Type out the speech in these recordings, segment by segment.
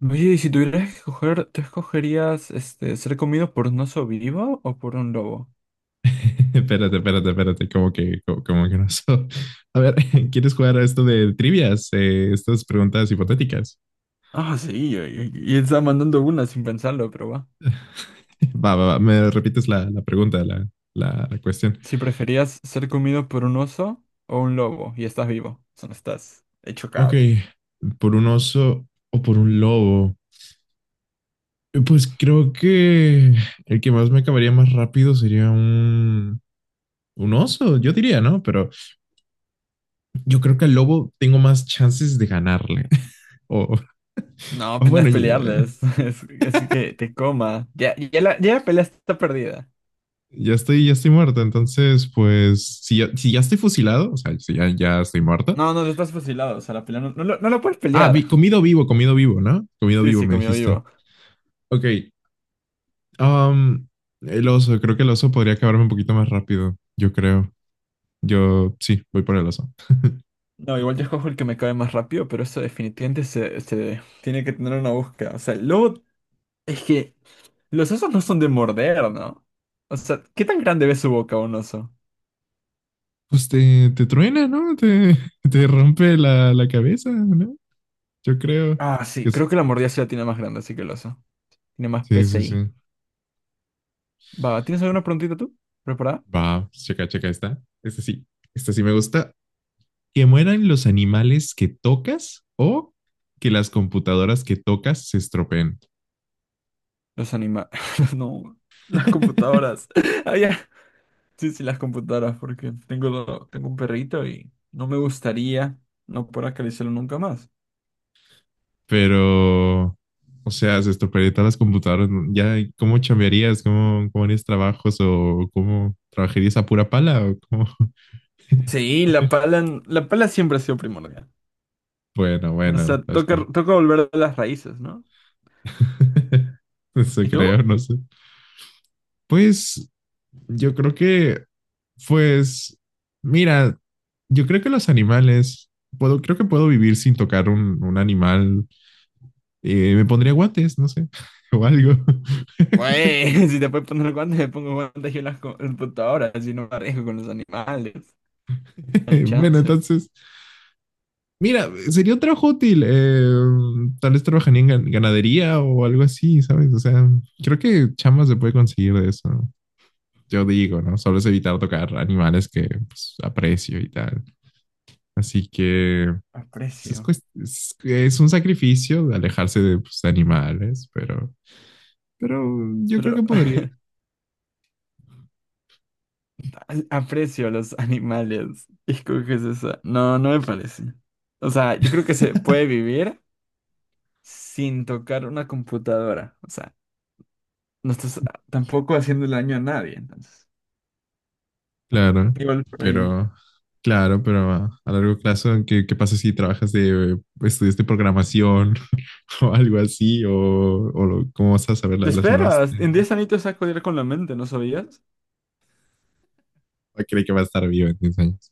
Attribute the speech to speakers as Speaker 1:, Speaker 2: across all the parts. Speaker 1: Oye, y si tuvieras que escoger, ¿tú escogerías ser comido por un oso vivo o por un lobo?
Speaker 2: Espérate, espérate, espérate, como que, como que no. A ver, ¿quieres jugar a esto de trivias? Estas preguntas hipotéticas.
Speaker 1: Ah, sí, y estaba mandando una sin pensarlo, pero va.
Speaker 2: Va, va, va, me repites la pregunta, la cuestión.
Speaker 1: Si preferías ser comido por un oso o un lobo y estás vivo, o sea, no estás hecho
Speaker 2: Ok,
Speaker 1: cadáver.
Speaker 2: ¿por un oso o por un lobo? Pues creo que el que más me acabaría más rápido sería un oso, yo diría, ¿no? Pero yo creo que al lobo tengo más chances de ganarle. O,
Speaker 1: No,
Speaker 2: o
Speaker 1: apenas
Speaker 2: bueno,
Speaker 1: pelearles, es que te coma. Ya, ya la pelea está perdida.
Speaker 2: Ya estoy muerta, entonces, pues, si ya estoy fusilado, o sea, si ya, ya estoy muerta.
Speaker 1: No, no, estás fusilado, o sea, la pelea no lo puedes
Speaker 2: Ah,
Speaker 1: pelear.
Speaker 2: comido vivo, ¿no? Comido
Speaker 1: Sí,
Speaker 2: vivo,
Speaker 1: sí,
Speaker 2: me
Speaker 1: comido
Speaker 2: dijiste.
Speaker 1: vivo.
Speaker 2: Ok. am, el oso, creo que el oso podría acabarme un poquito más rápido, yo creo. Yo, sí, voy por el oso.
Speaker 1: No, igual yo escojo el que me cae más rápido, pero eso definitivamente se tiene que tener una búsqueda. O sea, el lobo. Es que los osos no son de morder, ¿no? O sea, ¿qué tan grande ve su boca un oso?
Speaker 2: Pues te truena, ¿no? Te rompe la cabeza, ¿no? Yo creo
Speaker 1: Ah,
Speaker 2: que
Speaker 1: sí,
Speaker 2: es-
Speaker 1: creo que la mordida sí la tiene más grande, así que el oso. Tiene más
Speaker 2: Sí, sí,
Speaker 1: PCI.
Speaker 2: sí.
Speaker 1: Va, ¿tienes alguna preguntita tú? ¿Preparada?
Speaker 2: Va, checa, checa esta. Esta sí me gusta. Que mueran los animales que tocas o que las computadoras que tocas se estropeen.
Speaker 1: Los animales. No, las computadoras. Ah, ya. Sí, sí, las computadoras, porque tengo un perrito y no me gustaría no poder acariciarlo nunca más.
Speaker 2: Pero, o sea, se estropearían todas las computadoras, ¿no? Ya, ¿cómo chambearías? ¿Cómo, cómo harías trabajos? ¿O cómo trabajarías a pura pala? ¿O cómo?
Speaker 1: Sí, la pala siempre ha sido primordial.
Speaker 2: Bueno,
Speaker 1: O
Speaker 2: bueno,
Speaker 1: sea,
Speaker 2: las
Speaker 1: toca,
Speaker 2: com-
Speaker 1: toca volver a las raíces, ¿no?
Speaker 2: Eso
Speaker 1: ¿Y tú?
Speaker 2: creo, no sé. Pues yo creo que Pues, mira, yo creo que los animales, creo que puedo vivir sin tocar un animal. Me pondría guantes, no sé, o algo.
Speaker 1: Güey, si te puedes poner guantes, me pongo guantes yo en las en computadoras, así no me arriesgo con los animales. No hay
Speaker 2: Bueno,
Speaker 1: chance.
Speaker 2: entonces, mira, sería un trabajo útil. Tal vez trabajaría en ganadería o algo así, ¿sabes? O sea, creo que chamas se puede conseguir de eso. Yo digo, ¿no? Solo es evitar tocar animales que pues, aprecio y tal. Así que pues,
Speaker 1: Aprecio.
Speaker 2: es un sacrificio de alejarse de pues, de animales, pero yo creo que
Speaker 1: Pero
Speaker 2: podría,
Speaker 1: aprecio a los animales. Y escoges esa. No, no me parece. O sea, yo creo que se puede vivir sin tocar una computadora. O sea, no estás tampoco haciendo daño a nadie, entonces.
Speaker 2: claro,
Speaker 1: Igual por ahí.
Speaker 2: pero... Claro, pero a largo plazo, ¿qué pasa si trabajas de, estudias de programación o algo así? ¿O cómo vas a saber
Speaker 1: Te
Speaker 2: las nuevas?
Speaker 1: esperas. En 10 añitos saco con la mente, ¿no sabías?
Speaker 2: ¿O ¿cree que va a estar vivo en 10 años?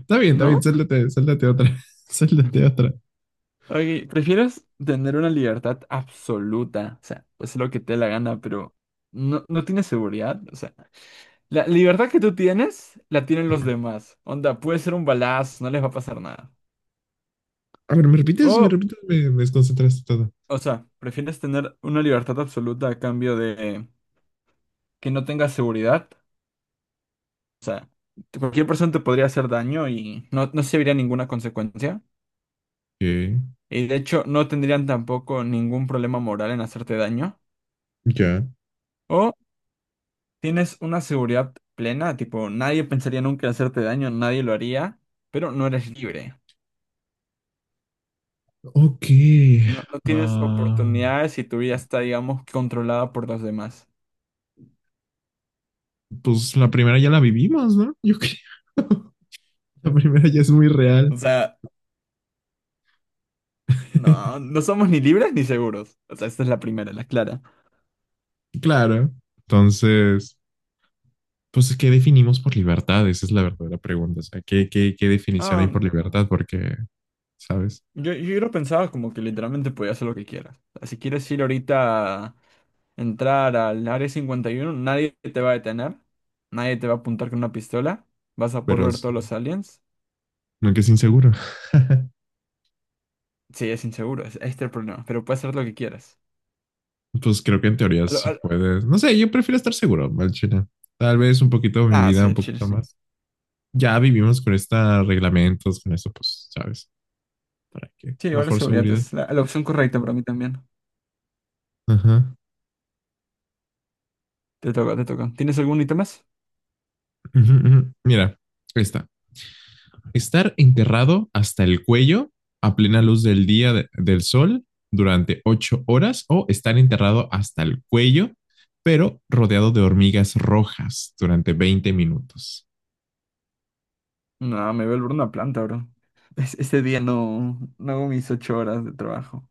Speaker 2: Está bien,
Speaker 1: ¿No?
Speaker 2: sáltate, sáltate otra, sáltate otra.
Speaker 1: Oye, ¿prefieres tener una libertad absoluta? O sea, pues lo que te dé la gana, pero no tienes seguridad. O sea, la libertad que tú tienes, la tienen los
Speaker 2: Ajá.
Speaker 1: demás. Onda, puede ser un balazo, no les va a pasar nada.
Speaker 2: A ver, ¿me repites? ¿Me
Speaker 1: O,
Speaker 2: repites? Me desconcentraste todo.
Speaker 1: o sea, ¿prefieres tener una libertad absoluta a cambio de que no tengas seguridad? O sea, cualquier persona te podría hacer daño y no se vería ninguna consecuencia.
Speaker 2: Ok,
Speaker 1: Y de hecho, no tendrían tampoco ningún problema moral en hacerte daño.
Speaker 2: ya.
Speaker 1: O Tienes una seguridad plena, tipo, nadie pensaría nunca en hacerte daño, nadie lo haría, pero no eres libre.
Speaker 2: Ok.
Speaker 1: No, no tienes
Speaker 2: Ah...
Speaker 1: oportunidades y tu vida está, digamos, controlada por los demás.
Speaker 2: Pues la primera ya la vivimos, ¿no? Yo creo. La primera ya es muy real.
Speaker 1: O sea, no, no somos ni libres ni seguros. O sea, esta es la primera, la clara.
Speaker 2: Claro. Entonces, pues, ¿qué definimos por libertad? Esa es la verdadera pregunta. O sea, ¿qué definición hay
Speaker 1: Ah,
Speaker 2: por libertad? Porque, ¿sabes?
Speaker 1: yo lo pensaba como que literalmente podías hacer lo que quieras. O sea, si quieres ir ahorita a entrar al área 51, nadie te va a detener, nadie te va a apuntar con una pistola, vas a poder
Speaker 2: Pero
Speaker 1: ver todos los aliens.
Speaker 2: nunca es inseguro.
Speaker 1: Sí, es inseguro, este es el problema, pero puedes hacer lo que quieras.
Speaker 2: Pues creo que en teoría
Speaker 1: A lo-
Speaker 2: sí
Speaker 1: a lo-
Speaker 2: puedes. No sé, yo prefiero estar seguro, mal chino. Tal vez un poquito mi
Speaker 1: Ah,
Speaker 2: vida,
Speaker 1: sí,
Speaker 2: un
Speaker 1: el chile
Speaker 2: poquito
Speaker 1: sí.
Speaker 2: más. Ya vivimos con estos reglamentos, con esto, pues, ¿sabes? Para que
Speaker 1: Sí, igual la
Speaker 2: mejor
Speaker 1: seguridad
Speaker 2: seguridad.
Speaker 1: es la opción correcta para mí también.
Speaker 2: Ajá.
Speaker 1: Te toca, te toca. ¿Tienes algún ítem más?
Speaker 2: Uh-huh, uh-huh. Mira, esta. Estar enterrado hasta el cuello a plena luz del día del sol durante 8 horas o estar enterrado hasta el cuello, pero rodeado de hormigas rojas durante 20 minutos.
Speaker 1: No, me voy a volver una planta, bro. Ese día no, no hago mis ocho horas de trabajo.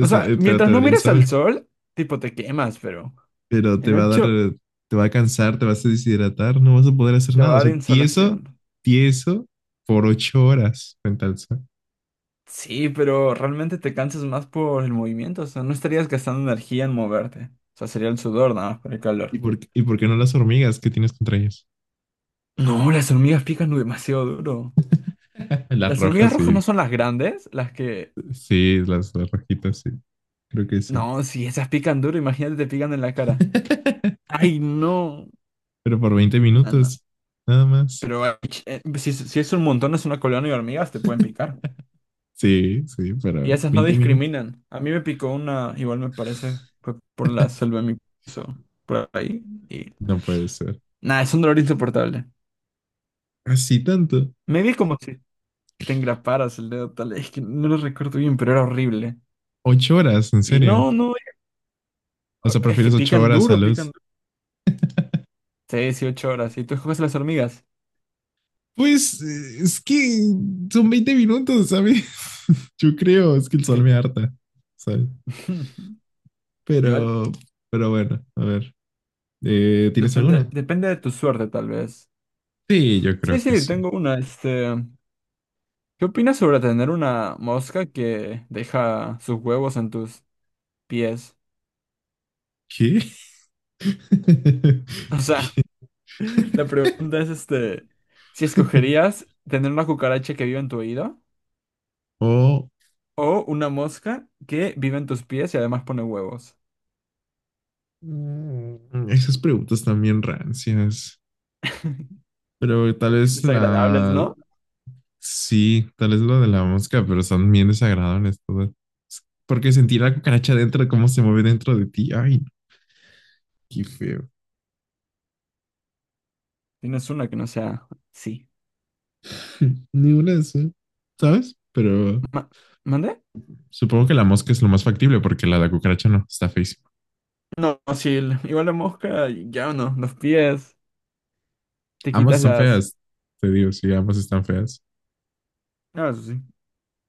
Speaker 1: O sea,
Speaker 2: Pero
Speaker 1: mientras
Speaker 2: te
Speaker 1: no
Speaker 2: daría el
Speaker 1: mires al
Speaker 2: sol,
Speaker 1: sol, tipo te quemas, pero
Speaker 2: pero te
Speaker 1: en
Speaker 2: va a dar,
Speaker 1: ocho
Speaker 2: te va a cansar, te vas a deshidratar, no vas a poder hacer
Speaker 1: te va
Speaker 2: nada.
Speaker 1: a
Speaker 2: O
Speaker 1: dar
Speaker 2: sea, tieso,
Speaker 1: insolación.
Speaker 2: tieso por 8 horas frente al sol.
Speaker 1: Sí, pero realmente te cansas más por el movimiento, o sea, no estarías gastando energía en moverte. O sea, sería el sudor nada más por el calor.
Speaker 2: Y por qué no las hormigas? ¿Qué tienes contra ellas?
Speaker 1: No, las hormigas pican demasiado duro.
Speaker 2: Las
Speaker 1: Las hormigas
Speaker 2: rojas,
Speaker 1: rojas no
Speaker 2: sí,
Speaker 1: son las grandes, las que...
Speaker 2: sí, las rojitas, sí, creo que sí.
Speaker 1: No, si esas pican duro, imagínate te pican en la cara. Ay, no.
Speaker 2: Pero por 20
Speaker 1: No, no.
Speaker 2: minutos, nada más.
Speaker 1: Pero ay, si, si es un montón, es una colonia de hormigas, te pueden picar.
Speaker 2: Sí, sí,
Speaker 1: Y
Speaker 2: pero
Speaker 1: esas no
Speaker 2: 20 minutos.
Speaker 1: discriminan. A mí me picó una, igual me parece, fue por la selva de mi piso, por ahí. Y
Speaker 2: No puede ser.
Speaker 1: nada, es un dolor insoportable.
Speaker 2: Así tanto.
Speaker 1: Me vi como si te engraparas el dedo tal, es que no lo recuerdo bien, pero era horrible.
Speaker 2: 8 horas, en
Speaker 1: Y
Speaker 2: serio.
Speaker 1: no, no,
Speaker 2: O sea,
Speaker 1: es que
Speaker 2: prefieres 8
Speaker 1: pican
Speaker 2: horas a
Speaker 1: duro, pican
Speaker 2: luz.
Speaker 1: duro. 6, 8 horas. Y tú escoges las hormigas.
Speaker 2: Pues es que son 20 minutos, ¿sabes? Yo creo, es que el sol me harta, ¿sabes?
Speaker 1: Igual,
Speaker 2: Pero, pero bueno, a ver. ¿Tienes
Speaker 1: depende,
Speaker 2: alguna?
Speaker 1: depende de tu suerte, tal vez.
Speaker 2: Sí, yo
Speaker 1: Sí,
Speaker 2: creo que
Speaker 1: sí,
Speaker 2: sí.
Speaker 1: tengo una, ¿Qué opinas sobre tener una mosca que deja sus huevos en tus pies?
Speaker 2: ¿Qué?
Speaker 1: O sea,
Speaker 2: ¿Qué?
Speaker 1: la pregunta es, si escogerías tener una cucaracha que vive en tu oído
Speaker 2: Oh,
Speaker 1: o una mosca que vive en tus pies y además pone huevos.
Speaker 2: mm, esas preguntas también rancias. Pero tal vez
Speaker 1: Desagradables,
Speaker 2: la...
Speaker 1: ¿no?
Speaker 2: Sí, tal vez lo de la mosca, pero son bien desagradables todas. Porque sentir la cucaracha dentro, cómo se mueve dentro de ti. Ay, no, qué feo.
Speaker 1: Tienes una que no sea... Sí.
Speaker 2: Ni una de esas, ¿sabes? Pero
Speaker 1: Ma- ¿Mandé?
Speaker 2: supongo que la mosca es lo más factible porque la de la cucaracha no, está feísima.
Speaker 1: No, sí, igual la mosca, ya no, los pies, te
Speaker 2: Ambas
Speaker 1: quitas
Speaker 2: están
Speaker 1: las...
Speaker 2: feas, te digo, sí, ambas están feas.
Speaker 1: Ah, eso sí.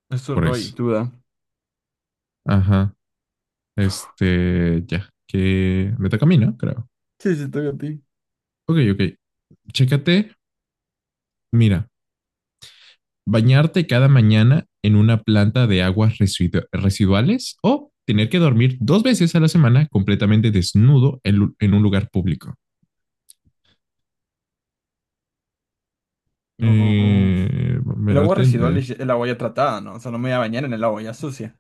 Speaker 1: Eso
Speaker 2: Por
Speaker 1: no hay
Speaker 2: eso.
Speaker 1: duda.
Speaker 2: Ajá. Este, ya, que me toca a mí, ¿no? Creo.
Speaker 1: Sí, sí, toca a ti.
Speaker 2: Ok, ok. Chécate, mira, bañarte cada mañana en una planta de aguas residuales o tener que dormir 2 veces a la semana completamente desnudo en, en un lugar público.
Speaker 1: No.
Speaker 2: Eh,
Speaker 1: El agua
Speaker 2: bañarte en-
Speaker 1: residual
Speaker 2: eh,
Speaker 1: es el agua ya tratada, ¿no? O sea, no me voy a bañar en el agua ya sucia.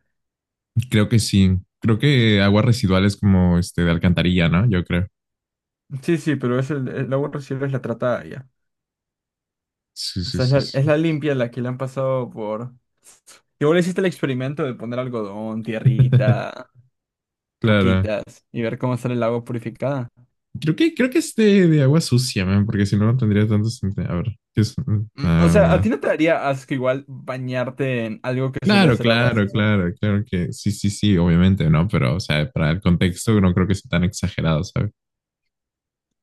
Speaker 2: Creo que sí. Creo que aguas residuales como este de alcantarilla, ¿no? Yo creo.
Speaker 1: Sí, sí, pero es el agua residual es la tratada ya.
Speaker 2: Sí,
Speaker 1: O
Speaker 2: sí,
Speaker 1: sea, es
Speaker 2: sí,
Speaker 1: es la
Speaker 2: sí.
Speaker 1: limpia la que le han pasado por... Igual hiciste el experimento de poner algodón, tierrita,
Speaker 2: Claro.
Speaker 1: roquitas y ver cómo sale el agua purificada.
Speaker 2: Creo que es de agua sucia, man, porque si no, no tendría tanto sentido. A ver, ¿qué es?
Speaker 1: Mm, o sea, ¿a ti
Speaker 2: Agua,
Speaker 1: no te daría asco igual bañarte en algo que solía
Speaker 2: claro,
Speaker 1: ser agua
Speaker 2: claro,
Speaker 1: sucia?
Speaker 2: claro, claro que sí, sí, sí, obviamente, ¿no? Pero, o sea, para el contexto no creo que sea tan exagerado, ¿sabes?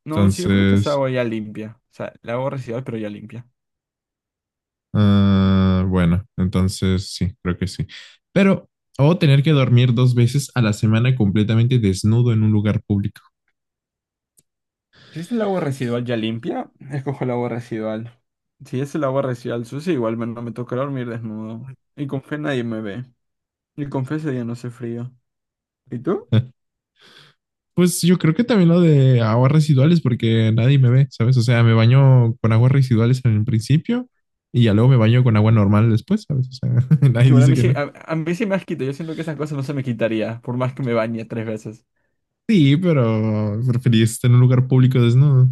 Speaker 1: No, sí, yo creo que es
Speaker 2: Entonces,
Speaker 1: agua ya limpia. O sea, el agua residual, pero ya limpia.
Speaker 2: ah, bueno, entonces sí, creo que sí. Pero, o tener que dormir dos veces a la semana completamente desnudo en un lugar público.
Speaker 1: Si es el agua residual ya limpia, escojo el agua residual. Si es el agua residual sucia, igual no me toca dormir desnudo. Y con fe nadie me ve. Y con fe ese día no hace frío. ¿Y tú?
Speaker 2: Pues yo creo que también lo de aguas residuales, porque nadie me ve, ¿sabes? O sea, me baño con aguas residuales en el principio y ya luego me baño con agua normal después, ¿sabes? O sea, nadie
Speaker 1: Igual a
Speaker 2: dice
Speaker 1: mí
Speaker 2: que
Speaker 1: sí,
Speaker 2: no.
Speaker 1: a mí sí me has quitado. Yo siento que esas cosas no se me quitaría, por más que me bañe tres veces.
Speaker 2: Sí, pero preferís estar en un lugar público desnudo.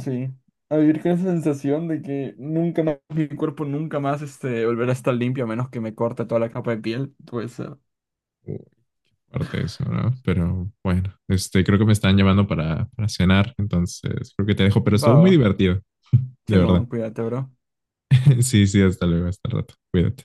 Speaker 1: Sí. A vivir con esa sensación de que nunca más, mi cuerpo nunca más este, volverá a estar limpio a menos que me corte toda la capa de piel. Pues,
Speaker 2: O parte de eso, ¿no? Pero bueno, este, creo que me están llamando para cenar, entonces creo que te dejo, pero
Speaker 1: va,
Speaker 2: estuvo muy
Speaker 1: va.
Speaker 2: divertido, de verdad.
Speaker 1: Simón, cuídate, bro.
Speaker 2: Sí, sí, hasta luego, hasta el rato. Cuídate.